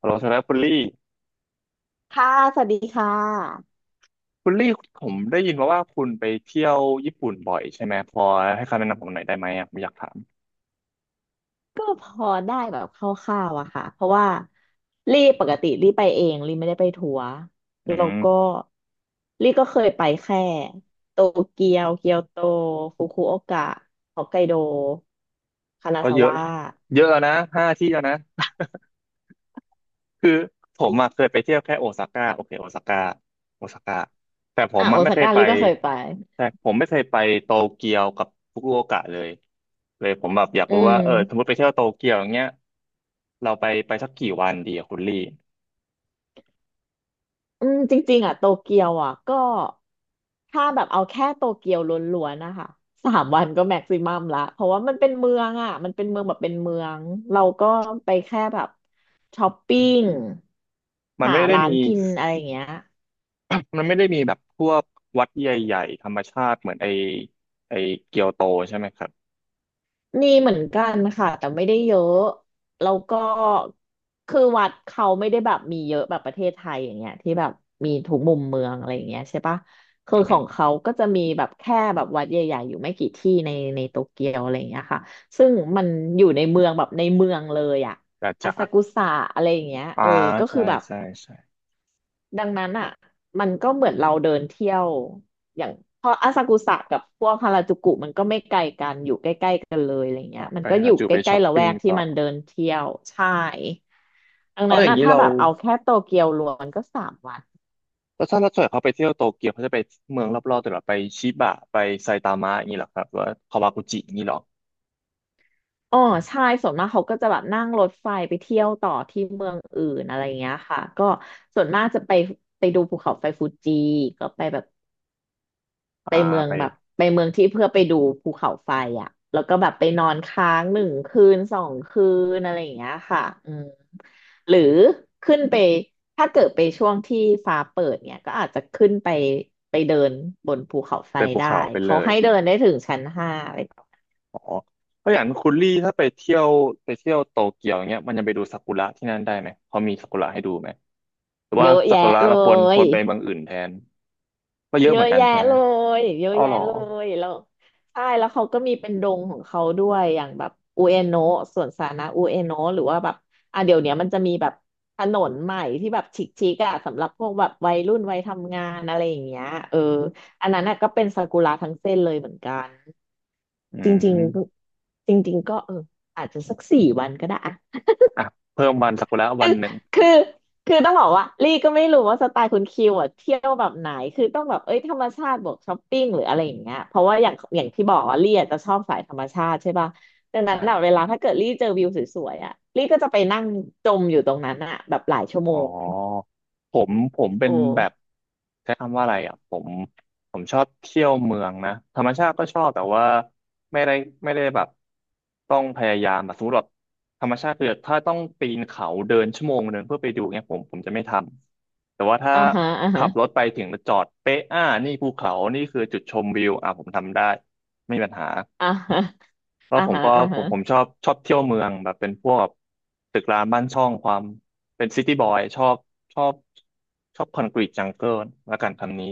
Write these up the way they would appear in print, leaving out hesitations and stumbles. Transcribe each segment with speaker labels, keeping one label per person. Speaker 1: ฮัลโหลสำหรับคุณลี่
Speaker 2: ค่ะสวัสดีค่ะ.
Speaker 1: คุณลี่ผมได้ยินมาว่าคุณไปเที่ยวญี่ปุ่นบ่อยใช่ไหมพอให้คำแนะนำผมหน่อยได้ไหมอ่ะผมอยากถาม
Speaker 2: ก็พอได้แบบคร่าวๆอะค่ะ เพราะว่าลี่ปกติลี่ไปเองลี่ไม่ได้ไปทัวร์
Speaker 1: อื
Speaker 2: แล้ว
Speaker 1: ม
Speaker 2: ก็ลี่ก็เคยไปแค่โตเกียว เกียวโตฟุกุโอกะฮอกไกโดคานา
Speaker 1: ก็
Speaker 2: ซา
Speaker 1: เยอะ
Speaker 2: วะ
Speaker 1: เยอะนะห้าที่แล้วนะคือผมอะเคยไปเที่ยวแค่โอซาก้าโอเคโอซาก้าแต่ผ
Speaker 2: อ่ะ
Speaker 1: ม
Speaker 2: โอ
Speaker 1: อะไม่
Speaker 2: ซา
Speaker 1: เคย
Speaker 2: ก้า
Speaker 1: ไป
Speaker 2: ลี่ก็เคยไป
Speaker 1: แต่ผมไม่เคยไปโตเกียวกับฟุกุโอกะเลยเลยผมแบบอยาก
Speaker 2: อื
Speaker 1: รู้ว่า
Speaker 2: ม
Speaker 1: เออสมมติไปเที่ยวโตเกียวอย่างเงี้ยเราไปสักกี่วันดีอะคุณลี่
Speaker 2: อืมจริงๆอ่ะโตเกียวอ่ะก็ถ้าแบบเอาแค่โตเกียวล้วนๆนะคะสามวันก็แม็กซิมัมละเพราะว่ามันเป็นเมืองอ่ะมันเป็นเมืองแบบเป็นเมืองเราก็ไปแค่แบบช้อปปิ้ง
Speaker 1: มัน
Speaker 2: หา
Speaker 1: ไม่ได้
Speaker 2: ร้า
Speaker 1: มี
Speaker 2: นกินอะไรอย่างเงี้ย.
Speaker 1: มันไม่ได้มีแบบพวกวัดใหญ่ๆธรรมชาติเหมือนไอเกียวโตใช่ไหมครับ
Speaker 2: มีเหมือนกันค่ะแต่ไม่ได้เยอะแล้วก็คือวัดเขาไม่ได้แบบมีเยอะแบบประเทศไทยอย่างเงี้ยที่แบบมีทุกมุมเมืองอะไรอย่างเงี้ยใช่ปะคือ
Speaker 1: อื
Speaker 2: ของ
Speaker 1: ม
Speaker 2: เขาก็จะมีแบบแค่แบบวัดใหญ่ๆอยู่ไม่กี่ที่ในโตเกียวอะไรอย่างเงี้ยค่ะซึ่งมันอยู่ในเมืองแบบในเมืองเลยอะ
Speaker 1: แต่
Speaker 2: อา
Speaker 1: จ๋า
Speaker 2: ซากุสะอะไรอย่างเงี้ย
Speaker 1: อ่า
Speaker 2: เออก็คื
Speaker 1: ใช่
Speaker 2: อแบบ
Speaker 1: ใช่ใช่
Speaker 2: ดังนั้นอ่ะมันก็เหมือนเราเดินเที่ยวอย่างเพราะอาซากุสะกับพวกฮาราจูกุมันก็ไม่ไกลกันอยู่ใกล้ๆกันเลยอะไรเงี้
Speaker 1: อ่า
Speaker 2: ยมัน
Speaker 1: ไป
Speaker 2: ก็
Speaker 1: หา
Speaker 2: อยู่
Speaker 1: จู
Speaker 2: ใก
Speaker 1: ไปช้
Speaker 2: ล้
Speaker 1: อป
Speaker 2: ๆละแว
Speaker 1: ปิ้ง
Speaker 2: กที่
Speaker 1: ต่อ
Speaker 2: มันเดินเที่ยวใช่ดัง
Speaker 1: เอา
Speaker 2: นั้
Speaker 1: อ
Speaker 2: น
Speaker 1: ย่าง
Speaker 2: อ่ะ
Speaker 1: นี้
Speaker 2: ถ้า
Speaker 1: เรา
Speaker 2: แบบเอาแค่โตเกียวรวมมันก็สามวัน.
Speaker 1: แล้วถ้าเราส่วนเขาไปเที่ยวโตเกียวเขาจะไปเมืองรอบๆแต่เหราไปชิบะไปไซตามะอย่างนี้เหรอครับหรือว่าคาวากุจิอย่างนี้เหรอ
Speaker 2: อ๋อใช่ส่วนมากเขาก็จะแบบนั่งรถไฟไปเที่ยวต่อที่เมืองอื่นอะไรเงี้ยค่ะก็ส่วนมากจะไปไปดูภูเขาไฟฟูจิก็ไปแบบ ไป
Speaker 1: อ่า
Speaker 2: เมือง
Speaker 1: ไป
Speaker 2: แบบไปเมืองที่เพื่อไปดูภูเขาไฟอ่ะแล้วก็แบบไปนอนค้าง1 คืน 2 คืนอะไรอย่างเงี้ยค่ะอืมหรือขึ้นไปถ้าเกิดไปช่วงที่ฟ้าเปิดเนี่ยก็อาจจะขึ้นไปไปเดินบนภูเขาไฟ
Speaker 1: ไปภู
Speaker 2: ได้
Speaker 1: เขาไปเล
Speaker 2: เขา
Speaker 1: ย
Speaker 2: ให้เดินได้ถึงชั้น 5เลย.
Speaker 1: อ๋อเพราะอย่างคุณลี่ถ้าไปเที่ยวโตเกียวอย่างเงี้ยมันจะไปดูซากุระที่นั่นได้ไหมเขามีซากุระให้ดูไหมหรือ
Speaker 2: เย
Speaker 1: ว่า
Speaker 2: อะ
Speaker 1: ซากุ
Speaker 2: แยะ
Speaker 1: ระ
Speaker 2: เล
Speaker 1: เราควรค
Speaker 2: ย
Speaker 1: วรไปเมืองอื่นแทน ก็เยอะ
Speaker 2: เย
Speaker 1: เหมือ
Speaker 2: อะ
Speaker 1: นกัน
Speaker 2: แยะ
Speaker 1: ใช่ไหม
Speaker 2: เลยเยอะ
Speaker 1: อ๋อ
Speaker 2: แยะ
Speaker 1: เหรอ
Speaker 2: เลยแล้วใช่แล้วเขาก็มีเป็นดงของเขาด้วยอย่างแบบอุเอโนะสวนสาธารณะอุเอโนะหรือว่าแบบอ่ะเดี๋ยวเนี้ยมันจะมีแบบถนนใหม่ที่แบบชิคๆอ่ะสำหรับพวกแบบวัยรุ่นวัยทำงานอะไรอย่างเงี้ยเอออันนั้นน่ะก็เป็นซากุระทั้งเส้นเลยเหมือนกัน
Speaker 1: อื
Speaker 2: จริง
Speaker 1: ม
Speaker 2: ๆจริงๆก็เอออาจจะสัก4 วันก็ได้อะ.
Speaker 1: อ่ะเพิ่มวันสักุระวั
Speaker 2: คื
Speaker 1: น
Speaker 2: อ
Speaker 1: หนึ่ง
Speaker 2: คือคือต้องบอกว่าลี่ก็ไม่รู้ว่าสไตล์คุณคิวอ่ะเที่ยวแบบไหนคือต้องแบบเอ้ยธรรมชาติบวกช้อปปิ้งหรืออะไรอย่างเงี้ยเพราะว่าอย่างที่บอกว่าลี่อะจะชอบสายธรรมชาติใช่ป่ะดัง
Speaker 1: ใ
Speaker 2: นั้นอะเว
Speaker 1: ช่า
Speaker 2: ลาถ้าเกิดลี่เจอวิวสวยๆอ่ะลี่ก็จะไปนั่งจมอยู่ตรงนั้นอ่ะแบบหลายชั่วโม
Speaker 1: อ๋อ
Speaker 2: ง.
Speaker 1: ผมเป็
Speaker 2: โอ
Speaker 1: นแบบ
Speaker 2: ้
Speaker 1: ใช้คำว่าอะไรอ่ะผมผมชอบเที่ยวเมืองนะธรรมชาติก็ชอบแต่ว่าไม่ได้ไม่ได้แบบต้องพยายามแบบสมมติแบบธรรมชาติคือถ้าต้องปีนเขาเดินชั่วโมงหนึ่งเพื่อไปดูเนี่ยผมจะไม่ทำแต่ว่าถ้า
Speaker 2: อ่าฮะอ่า
Speaker 1: ขั
Speaker 2: ฮะ
Speaker 1: บรถไปถึงแล้วจอดเป๊ะอ่านี่ภูเขานี่คือจุดชมวิวอ่ะผมทำได้ไม่มีปัญหา
Speaker 2: อ่าฮะ
Speaker 1: ก็
Speaker 2: อ่า
Speaker 1: ผม
Speaker 2: ฮะ
Speaker 1: ก็
Speaker 2: อ่า
Speaker 1: ผ
Speaker 2: ฮะ
Speaker 1: มผมชอบชอบเที่ยวเมืองแบบเป็นพวกตึกร้างบ้านช่องความเป็นซิตี้บอยชอบชอบคอนกรีตจังเกิลละกันคำนี้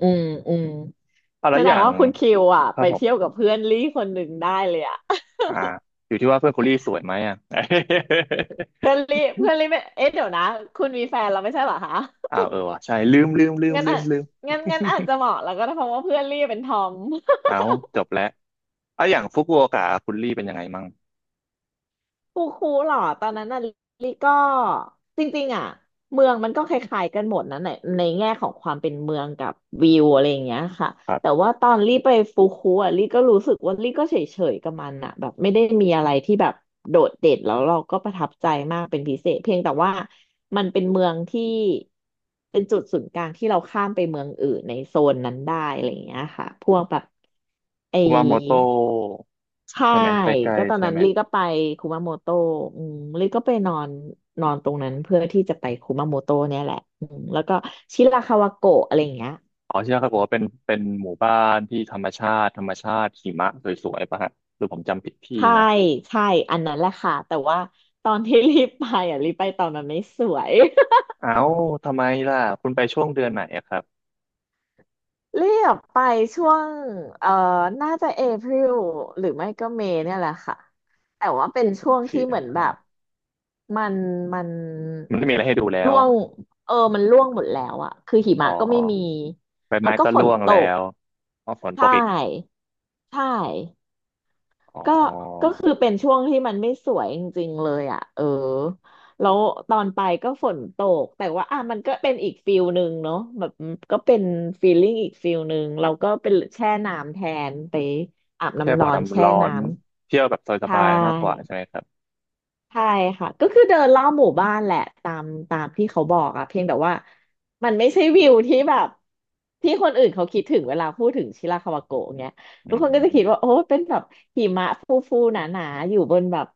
Speaker 2: อืมอืม
Speaker 1: เอา
Speaker 2: แส
Speaker 1: แล้ว
Speaker 2: ด
Speaker 1: อ
Speaker 2: ง
Speaker 1: ย่าง
Speaker 2: ว่าคุณคิวอ่ะ
Speaker 1: ครั
Speaker 2: ไป
Speaker 1: บผม
Speaker 2: เที่ยวกับเพื่อนลี่คนหนึ่งได้เลยอ่ะ.
Speaker 1: อ่าอยู่ที่ว่าเพื่อนคุณลี่สวยไหมอ่ะ
Speaker 2: เพื่อนลี่ไม่เอ๊ะเดี๋ยวนะคุณมีแฟนแล้วไม่ใช่เหรอคะ.
Speaker 1: อ้าวเออว่ะใช่ลืมลืมลืม
Speaker 2: งั้น
Speaker 1: ลื
Speaker 2: อ่ะ
Speaker 1: มลืม
Speaker 2: งั้นอาจจะเหมาะแล้วก็ได้เพราะว่าเพื่อนเรีบเป็นทอม.
Speaker 1: เอาจบแล้วเอาอย่างฟุกุโอกะคุณลี่เป็นยังไงมั่ง
Speaker 2: ฟูคูเหรอตอนนั้นน่ะลิก็จริงๆอ่ะเมืองมันก็คล้ายๆกันหมดนะในในแง่ของความเป็นเมืองกับวิวอะไรอย่างเงี้ยค่ะ
Speaker 1: ครั
Speaker 2: แต่
Speaker 1: บ
Speaker 2: ว่าตอนลี่ไปฟูคูอ่ะลี่ก็รู้สึกว่าลี่ก็เฉยๆกับมันอ่ะแบบไม่ได้มีอะไรที่แบบโดดเด่นแล้วเราก็ประทับใจมากเป็นพิเศษเพียงแต่ว่ามันเป็นเมืองที่เป็นจุดศูนย์กลางที่เราข้ามไปเมืองอื่นในโซนนั้นได้อะไรอย่างเงี้ยค่ะพวกแบบไอ.
Speaker 1: คุมาโมโตะ
Speaker 2: ใช่.
Speaker 1: ใช่ไหมใกล้
Speaker 2: ก็ตอ
Speaker 1: ๆ
Speaker 2: น
Speaker 1: ใช่
Speaker 2: นั้น
Speaker 1: ไหม
Speaker 2: ลี่ก็ไปคุมาโมโตะอืมลี่ก็ไปนอนนอนตรงนั้นเพื่อที่จะไปคุมาโมโตะเนี่ยแหละอืมแล้วก็ชิราคาวาโกะอะไรอย่างเงี้ย.
Speaker 1: อ๋อที่นั่นเขาบอกว่าเป็นหมู่บ้านที่ธรรมชาติหิมะสวยๆป่ะฮะหรือผมจำผิดที่
Speaker 2: ใช่
Speaker 1: นะ
Speaker 2: ใช่อันนั้นแหละค่ะแต่ว่าตอนที่ รีบไปอ่ะรีบไปตอนมันไม่สวย.
Speaker 1: เอ้าทำไมล่ะคุณไปช่วงเดือนไหนอะครับ
Speaker 2: เรียบไปช่วงเอ่อน่าจะเอพ i ิลหรือไม่ก็เมย์เนี่ยแหละค่ะ. แต่ว่าเป็นช่วงที่
Speaker 1: เสีย
Speaker 2: เหมือนแบบมันมัน
Speaker 1: มันไม่มีอะไรให้ดูแล้ว
Speaker 2: ร่วงเออมันร่วงหมดแล้วอะคือหิ
Speaker 1: อ๋อ
Speaker 2: มะก็ไม่มี
Speaker 1: ใบ
Speaker 2: แล้
Speaker 1: ไม้
Speaker 2: วก็
Speaker 1: ก็
Speaker 2: ฝน
Speaker 1: ร่วง
Speaker 2: ต
Speaker 1: แล้
Speaker 2: ก.
Speaker 1: วอ๋อฝน
Speaker 2: ใช
Speaker 1: ตกอีก
Speaker 2: ่ใช่. ก็
Speaker 1: อ๋อ
Speaker 2: ก็คือเป็นช่วงที่มันไม่สวยจริงๆเลยอ่ะเออแล้วตอนไปก็ฝนตกแต่ว่าอ่ะมันก็เป็นอีกฟิลหนึ่งเนาะแบบก็เป็นฟีลลิ่งอีกฟิลหนึ่งเราก็เป็นแช่น้ำแทนไปอาบ
Speaker 1: แค่
Speaker 2: น้ำ
Speaker 1: บ่
Speaker 2: ร้
Speaker 1: อ
Speaker 2: อน
Speaker 1: น้ำ
Speaker 2: แช่
Speaker 1: ร้อ
Speaker 2: น้
Speaker 1: น
Speaker 2: ำ
Speaker 1: เที่ยวแบบส
Speaker 2: ใช่
Speaker 1: บายๆมากกว่าใช่ไหมครับ
Speaker 2: ใช่ค่ะก็คือเดินรอบหมู่บ้านแหละตามตามที่เขาบอกอะเพียงแต่ว่ามันไม่ใช่วิวที่แบบที่คนอื่นเขาคิดถึงเวลาพูดถึงชิราคาวาโกะเงี้ย
Speaker 1: อื
Speaker 2: ทุกคนก็
Speaker 1: ม
Speaker 2: จะคิดว่าโอ้เป็นแบบหิมะฟูๆหนาๆอยู่บนแบบ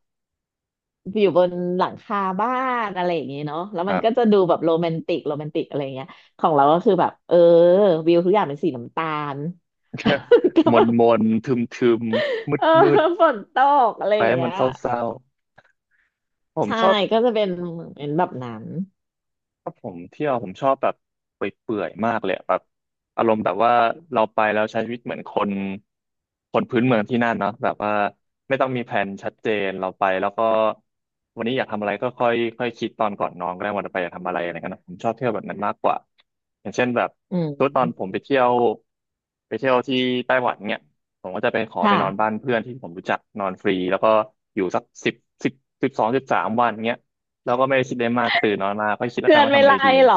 Speaker 2: อยู่บนหลังคาบ้านอะไรอย่างงี้เนาะแล้ว
Speaker 1: ค
Speaker 2: มั
Speaker 1: รั
Speaker 2: นก็
Speaker 1: บ
Speaker 2: จะดูแบบโรแมนติกโรแมนติกอะไรเงี้ยของเราก็คือแบบเออวิวทุกอย่างเป็นสีน้ำตาล ก็
Speaker 1: ม
Speaker 2: แบ
Speaker 1: น
Speaker 2: บ
Speaker 1: มนทึมทึมมืด
Speaker 2: เออ
Speaker 1: มืด
Speaker 2: ฝนตกอะไร
Speaker 1: ๆไป
Speaker 2: อย่าง
Speaker 1: ให้
Speaker 2: เงี้
Speaker 1: มัน
Speaker 2: ย
Speaker 1: เศร้าๆผม
Speaker 2: ใช่
Speaker 1: ชอบ
Speaker 2: ก็จะเป็นแบบนั้น
Speaker 1: ถ้าผมเที่ยวผมชอบแบบเปื่อยๆมากเลยแบบอารมณ์แบบว่าเราไปแล้วใช้ชีวิตเหมือนคนพื้นเมืองที่นั่นเนาะแบบว่าไม่ต้องมีแผนชัดเจนเราไปแล้วก็วันนี้อยากทำอะไรก็ค่อยค่อยคิดตอนก่อนนอนก็ได้วันต่อไปอยากทำอะไรอะไรเงี้ยนะผมชอบเที่ยวแบบนั้นมากกว่าอย่างเช่นแบบ
Speaker 2: อื
Speaker 1: ทุกตอนผ
Speaker 2: ม
Speaker 1: มไปเที่ยวที่ไต้หวันเนี่ยผมก็จะไปขอไปนอนบ้าน
Speaker 2: ค่ะ
Speaker 1: เพื่อนที่ผมรู้จักนอนฟรีแล้วก็อยู่สักสิบ12-13 วันเงี้ย เราก็ไม่ได้คิดอะไรมากตื่นนอนมาก็คิดแล้ว
Speaker 2: เพื่
Speaker 1: กั
Speaker 2: อ
Speaker 1: น
Speaker 2: น
Speaker 1: ว่า
Speaker 2: ไม่
Speaker 1: ทำอะไร
Speaker 2: ไล่
Speaker 1: ดี
Speaker 2: เหรอ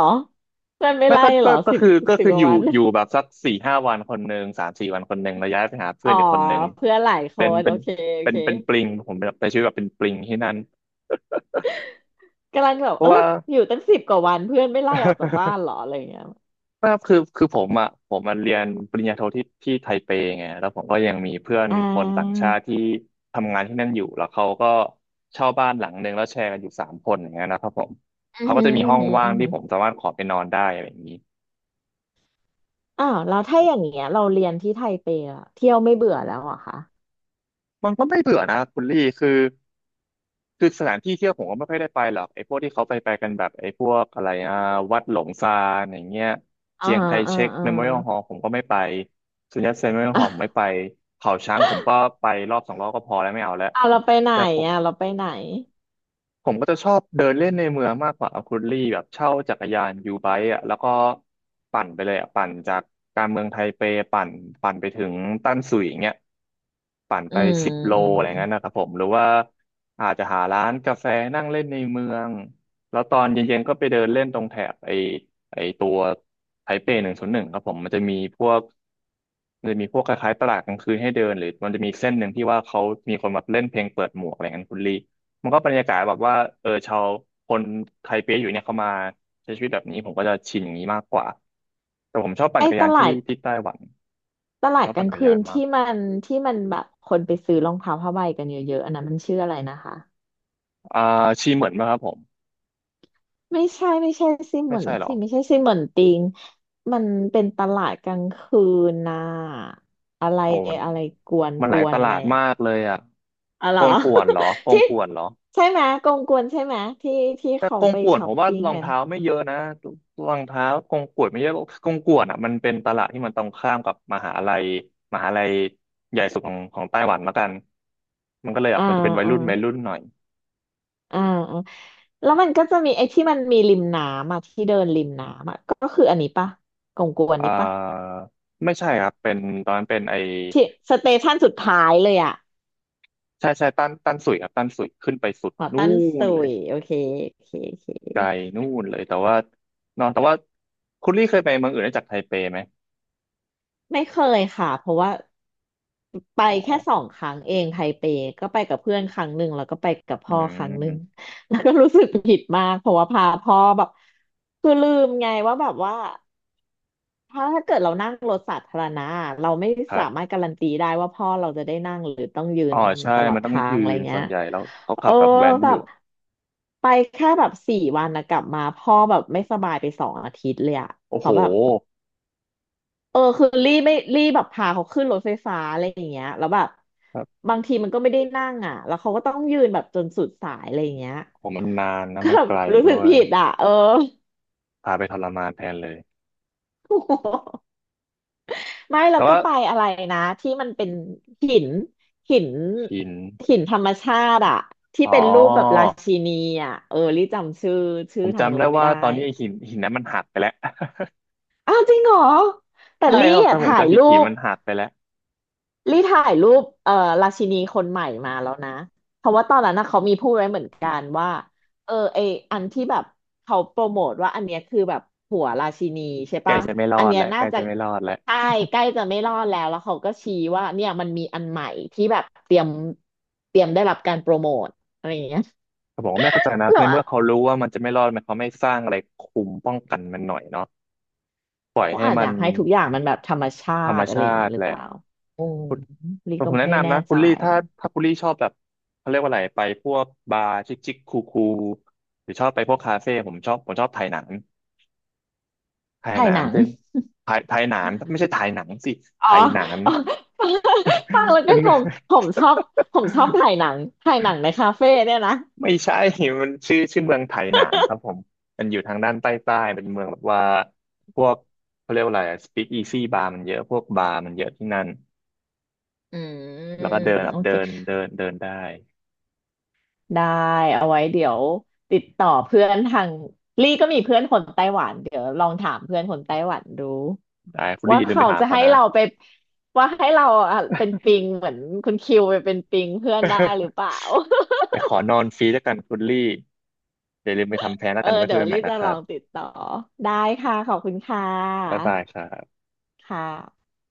Speaker 2: เพื่อนไม่
Speaker 1: ไม่
Speaker 2: ไล่
Speaker 1: ก็
Speaker 2: เหร
Speaker 1: ก็
Speaker 2: อ
Speaker 1: ก็
Speaker 2: สิบ
Speaker 1: คือก็
Speaker 2: สิบ
Speaker 1: คือ
Speaker 2: ก
Speaker 1: อ
Speaker 2: ว่า
Speaker 1: ยู่
Speaker 2: วัน
Speaker 1: อยู่แบบสักสี่ห้าวันคนหนึ่งสามสี่วันคนหนึ่งแล้วย้ายไปหาเพื่
Speaker 2: อ๋
Speaker 1: อ
Speaker 2: อ
Speaker 1: นอีกคนหนึ่ง
Speaker 2: เพื่อนหลายค
Speaker 1: เป็น
Speaker 2: น
Speaker 1: เป็
Speaker 2: โอ
Speaker 1: น
Speaker 2: เคโอ
Speaker 1: เป็น
Speaker 2: เค
Speaker 1: เป็นปลิงผมแบบใช้ชีวิตแบบเป็นปลิงที่นั่น
Speaker 2: กำลังแบบ
Speaker 1: เพราะ
Speaker 2: เอ้ย
Speaker 1: ว่า
Speaker 2: อยู่ตั้งสิบกว่าวันเพื่อนไม่ไล่ออกจากบ้านเหรออะไรอย่างเงี้ย
Speaker 1: ว่าคือผมอ่ะผมมาเรียนปริญญาโทที่ไทเปไงแล้วผมก็ยังมีเพื่อน
Speaker 2: อ่
Speaker 1: คนต่าง
Speaker 2: า
Speaker 1: ชาติที่ทำงานที่นั่นอยู่แล้วเขาก็เช่าบ้านหลังหนึ่งแล้วแชร์กันอยู่สามคนอย่างเงี้ยนะครับผม
Speaker 2: อือ
Speaker 1: เขาก็
Speaker 2: หือ
Speaker 1: จะมี
Speaker 2: อื
Speaker 1: ห้
Speaker 2: อ
Speaker 1: อง
Speaker 2: หือ
Speaker 1: ว่า
Speaker 2: อื
Speaker 1: ง
Speaker 2: อ
Speaker 1: ที่
Speaker 2: หือ
Speaker 1: ผมสามารถขอไปนอนได้อะไรอย่างนี้
Speaker 2: อ้าวแล้วถ้าอย่างเงี้ยเราเรียนที่ไทเปอะเที่ยวไม่เบื่อแล้วเหรอคะ
Speaker 1: มันก็ไม่เบื่อนะคุณลี่คือสถานที่เที่ยวผมก็ไม่ค่อยได้ไปหรอกไอ้พวกที่เขาไปกันแบบไอ้พวกอะไรอ่ะวัดหลงซานอย่างเงี้ย
Speaker 2: อ่า
Speaker 1: เจียงไค
Speaker 2: อ่า
Speaker 1: เชก
Speaker 2: อ่า
Speaker 1: เมโมเรียลฮอลผมก็ไม่ไปสุนยัตเซนเมโมเรียลฮอลผมไม่ ไปเขาช้างผมก็ไปรอบสองรอบก็พอแล้วไม่เอาแล้ว
Speaker 2: อ่าเราไปไหน
Speaker 1: แต่ผม
Speaker 2: อ่ะเราไปไหน
Speaker 1: ผมก็จะชอบเดินเล่นในเมืองมากกว่าคุณลี่แบบเช่าจักรยานยูไบค์อ่ะแล้วก็ปั่นไปเลยอ่ะปั่นจากการเมืองไทเปปั่นปั่นไปถึงตั้นสุยอย่างเงี้ยปั่น
Speaker 2: อื
Speaker 1: ไป
Speaker 2: ม
Speaker 1: 10 โล
Speaker 2: อืม
Speaker 1: อะไรเงี้ยนะครับผมหรือว่าอาจจะหาร้านกาแฟนั่งเล่นในเมืองแล้วตอนเย็นๆก็ไปเดินเล่นตรงแถบไอไอตัวไทเป101ครับผมมันจะมีพวกคล้ายๆตลาดกลางคืนให้เดินหรือมันจะมีเส้นหนึ่งที่ว่าเขามีคนมาเล่นเพลงเปิดหมวกอะไรเงี้ยคุณลี่ มันก็บรรยากาศแบบว่าเออชาวคนไทเปอยู่เนี่ยเขามาใช้ชีวิตแบบนี้ผมก็จะชินอย่างนี้มากกว่าแต่ผมชอบปั่น
Speaker 2: ไอ้
Speaker 1: จักร
Speaker 2: ต
Speaker 1: ยาน
Speaker 2: ลา
Speaker 1: ที่
Speaker 2: ด
Speaker 1: ที่ไต้หวัน
Speaker 2: ต
Speaker 1: ผม
Speaker 2: ลาด
Speaker 1: ชอบ
Speaker 2: ก
Speaker 1: ปั่
Speaker 2: ลา
Speaker 1: น
Speaker 2: ง
Speaker 1: จักร
Speaker 2: คื
Speaker 1: ยา
Speaker 2: น
Speaker 1: นมาก
Speaker 2: ที่มันที่มันแบบคนไปซื้อรองเท้าผ้าใบกันเยอะๆอันนั้นมันชื่ออะไรนะคะ
Speaker 1: อ่าชีเหมือนไหมครับผม
Speaker 2: ไม่ใช่ไม่ใช่ซิเห
Speaker 1: ไม่
Speaker 2: มือน
Speaker 1: ใช่หรอ
Speaker 2: สิไม่ใช่ซิเหมือนติงมันเป็นตลาดกลางคืนนะอะไร
Speaker 1: โอ้มัน
Speaker 2: อะไรกวน
Speaker 1: มัน
Speaker 2: ก
Speaker 1: หลาย
Speaker 2: ว
Speaker 1: ต
Speaker 2: นอะ
Speaker 1: ลา
Speaker 2: ไร
Speaker 1: ด
Speaker 2: อ่ะ
Speaker 1: มากเลยอ่ะ
Speaker 2: อ๋อเหร
Speaker 1: ก
Speaker 2: อ
Speaker 1: งก่วนเหรอก ง
Speaker 2: ที่
Speaker 1: ก่วนเหรอ
Speaker 2: ใช่ไหมกงกวนใช่ไหมที่ที่
Speaker 1: แต่
Speaker 2: เขา
Speaker 1: กง
Speaker 2: ไป
Speaker 1: ก่วน
Speaker 2: ช้
Speaker 1: ผ
Speaker 2: อป
Speaker 1: มว่า
Speaker 2: ปิ้ง
Speaker 1: รอง
Speaker 2: กันอ
Speaker 1: เท้าไม่เยอะนะรองเท้ากงก่วนไม่เยอะกงก่วนอ่ะมันเป็นตลาดที่มันตรงข้ามกับมหาลัยใหญ่สุดของไต้หวันละกันมันก็เลยแบบ
Speaker 2: ่า
Speaker 1: มันจะเป็นวัย
Speaker 2: อ่า
Speaker 1: รุ่นวัยรุ่นหน่อย
Speaker 2: อ่าอ่าแล้วมันก็จะมีไอ้ที่มันมีริมน้ำอ่ะที่เดินริมน้ำอ่ะก็คืออันนี้ปะกงกวน
Speaker 1: อ่
Speaker 2: นี้ปะ
Speaker 1: าไม่ใช่ครับเป็นตอนนั้นเป็นไอ
Speaker 2: ที่สเตชันสุดท้ายเลยอ่ะ
Speaker 1: ใช่ใช่ตั้นสุยครับตั้นสุยขึ้นไปสุด
Speaker 2: หอ
Speaker 1: นู่
Speaker 2: ตัน
Speaker 1: น
Speaker 2: ซุ
Speaker 1: เลย
Speaker 2: ยโอเคโอเคโอเค
Speaker 1: ไกลนู่นเลยแต่ว่าเนอนแต่ว่าคุณลี่เคยไปเมืองอื่นนอกจากไทเปไหม
Speaker 2: ไม่เคยค่ะเพราะว่าไป
Speaker 1: อ๋อ
Speaker 2: แค่สองครั้งเองไทเปก็ไปกับเพื่อนครั้งหนึ่งแล้วก็ไปกับ
Speaker 1: อื
Speaker 2: พ่อครั้งหนึ่ง
Speaker 1: ม
Speaker 2: แล้วก็รู้สึกผิดมากเพราะว่าพาพ่อแบบคือลืมไงว่าแบบว่า ถ้าเกิดเรานั่งรถสาธารณะเราไม่
Speaker 1: ครั
Speaker 2: สามาร
Speaker 1: บ
Speaker 2: ถการันตีได้ว่าพ่อเราจะได้นั่งหรือต้องยื
Speaker 1: อ๋อ
Speaker 2: น
Speaker 1: ใช่
Speaker 2: ตลอ
Speaker 1: มั
Speaker 2: ด
Speaker 1: นต้อง
Speaker 2: ทาง
Speaker 1: ยื
Speaker 2: อะไร
Speaker 1: นส่
Speaker 2: เงี้
Speaker 1: ว
Speaker 2: ย
Speaker 1: นใหญ่แล้วเขาขั
Speaker 2: โอ้
Speaker 1: บแบบแว้น
Speaker 2: แบ
Speaker 1: อยู่
Speaker 2: บไปแค่แบบสี่วันนะกลับมาพ่อแบบไม่สบายไปสองอาทิตย์เลยอะ
Speaker 1: โอ้โห
Speaker 2: เขาแบบเออคือรีไม่รีแบบพาเขาขึ้นรถไฟฟ้าอะไรอย่างเงี้ยแล้วแบบ
Speaker 1: ครับ
Speaker 2: บางทีมันก็ไม่ได้นั่งอ่ะแล้วเขาก็ต้องยืนแบบจนสุดสายอะไรอย่างเงี้ย
Speaker 1: ผมมันนานนะ
Speaker 2: ก็
Speaker 1: มัน
Speaker 2: แบ
Speaker 1: ไก
Speaker 2: บ
Speaker 1: ล
Speaker 2: รู้
Speaker 1: ด้
Speaker 2: สึก
Speaker 1: วย
Speaker 2: ผิดอ่ะเออ
Speaker 1: พาไปทรมานแทนเลย
Speaker 2: ไม่เรา
Speaker 1: แต่
Speaker 2: ก็
Speaker 1: ว่า
Speaker 2: ไปอะไรนะที่มันเป็นหินหิน
Speaker 1: หิน
Speaker 2: หินธรรมชาติอะที่
Speaker 1: อ๋อ
Speaker 2: เป็นรูปแบบราชินีอะเออลี่จำชื่อ
Speaker 1: ผ
Speaker 2: ชื่อ
Speaker 1: ม
Speaker 2: ทาง
Speaker 1: จำ
Speaker 2: โน้
Speaker 1: ได้
Speaker 2: นไม่
Speaker 1: ว่า
Speaker 2: ได้
Speaker 1: ตอนนี้ไอ้หินนั้นมันหักไปแล้ว
Speaker 2: อ้าวจริงเหรอแต่
Speaker 1: ใช่
Speaker 2: ลี่
Speaker 1: ครับ
Speaker 2: อะ
Speaker 1: ถ้าผม
Speaker 2: ถ่าย
Speaker 1: จำผิด
Speaker 2: รู
Speaker 1: หิน
Speaker 2: ป
Speaker 1: มันหักไปแล้ว
Speaker 2: ลี่ถ่ายรูปราชินีคนใหม่มาแล้วนะเพราะว่าตอนนั้นนะเขามีพูดไว้เหมือนกันว่าเออไออันที่แบบเขาโปรโมทว่าอันเนี้ยคือแบบหัวราชินีใช่
Speaker 1: ใกล้
Speaker 2: ปะ
Speaker 1: จะไม่รอ
Speaker 2: อัน
Speaker 1: ด
Speaker 2: เนี้ย
Speaker 1: แล้วใก
Speaker 2: น่า
Speaker 1: ล้
Speaker 2: จะ
Speaker 1: จะไม่รอดแล้ว
Speaker 2: ใช่ใกล้จะไม่รอดแล้วแล้วเขาก็ชี้ว่าเนี่ยมันมีอันใหม่ที่แบบเตรียมได้รับการโปรโมทอะไรอย่างเงี้ย
Speaker 1: แต่ผมก็ไม่เข้าใจนะ
Speaker 2: เรา
Speaker 1: ในเมื่
Speaker 2: อะ
Speaker 1: อเขารู้ว่ามันจะไม่รอดมันเขาไม่สร้างอะไรคุมป้องกันมันหน่อยเนาะปล่อย
Speaker 2: เขา
Speaker 1: ให้
Speaker 2: อาจ
Speaker 1: มั
Speaker 2: อ
Speaker 1: น
Speaker 2: ยากให้ทุกอย่างมันแบบธรรมชา
Speaker 1: ธรรม
Speaker 2: ติอะไร
Speaker 1: ชา
Speaker 2: อย่างงี้
Speaker 1: ติ
Speaker 2: หรื
Speaker 1: แห
Speaker 2: อ
Speaker 1: ละ
Speaker 2: เปล่าอืม
Speaker 1: คุณ
Speaker 2: ลี่ก็
Speaker 1: ผมแนะ
Speaker 2: ไม่แน่
Speaker 1: นำนะ
Speaker 2: ใจ
Speaker 1: คุณลี่ถ้าคุณลี่ชอบแบบเขาเรียกว่าอะไรไปพวกบาร์ชิคชิคคูคูหรือชอบไปพวกคาเฟ่ผมชอบถ่ายหนังถ่ายห
Speaker 2: ถ่าย
Speaker 1: นั
Speaker 2: ห
Speaker 1: ง
Speaker 2: นัง
Speaker 1: เป็นถ่ายหนังไม่ใช่ถ่ายหนังสิ
Speaker 2: อ๋อ
Speaker 1: ถ่ายหนัง
Speaker 2: อ๋อฟังแล้ ว
Speaker 1: เป็
Speaker 2: ก็
Speaker 1: น
Speaker 2: งงผมชอบผมชอบถ่าย หนังถ่ายหนังในคาเฟ่เนี่ยนะ
Speaker 1: ไม่ใช่ มันชื่อเมืองไถหนานครับผม มันอยู่ทางด้านใต้เป็นเมืองแบบว่า พวกเขาเรียกว่าอะไรสปีกอีซี่บาร์มันเยอะพวกบาร์มันเยอะที่นั่น
Speaker 2: อื
Speaker 1: แล้ว
Speaker 2: ม
Speaker 1: ก็เดินแบ
Speaker 2: โอ
Speaker 1: บเดิ
Speaker 2: เค
Speaker 1: นเดินเดินได้
Speaker 2: ได้เอาไว้เดี๋ยวติดต่อเพื่อนทางลี่ก็มีเพื่อนคนไต้หวันเดี๋ยวลองถามเพื่อนคนไต้หวันดู
Speaker 1: ได้คุณลี่
Speaker 2: ว่า
Speaker 1: อย่าลืมไป
Speaker 2: เขา
Speaker 1: ถาม
Speaker 2: จะ
Speaker 1: เขา
Speaker 2: ให้
Speaker 1: นะ
Speaker 2: เราไปว่าให้เราอ่ะเป็นปิงเหมือนคุณคิวไปเป็นปิงเพื่อนได้หรือเปล่า
Speaker 1: ไปขอนอนฟรีแล้วกันคุณลี่อย่าลืมไปทำแท้งแล้ ว
Speaker 2: เออ
Speaker 1: กันไม่คุ
Speaker 2: เดี๋
Speaker 1: ย
Speaker 2: ยว
Speaker 1: กันใหม่
Speaker 2: ลี่
Speaker 1: นะ
Speaker 2: จะ
Speaker 1: ค
Speaker 2: ล
Speaker 1: รั
Speaker 2: อง
Speaker 1: บ
Speaker 2: ติดต่อได้ค่ะขอบคุณค่
Speaker 1: บ๊าย
Speaker 2: ะ
Speaker 1: บายครับ
Speaker 2: ค่ะ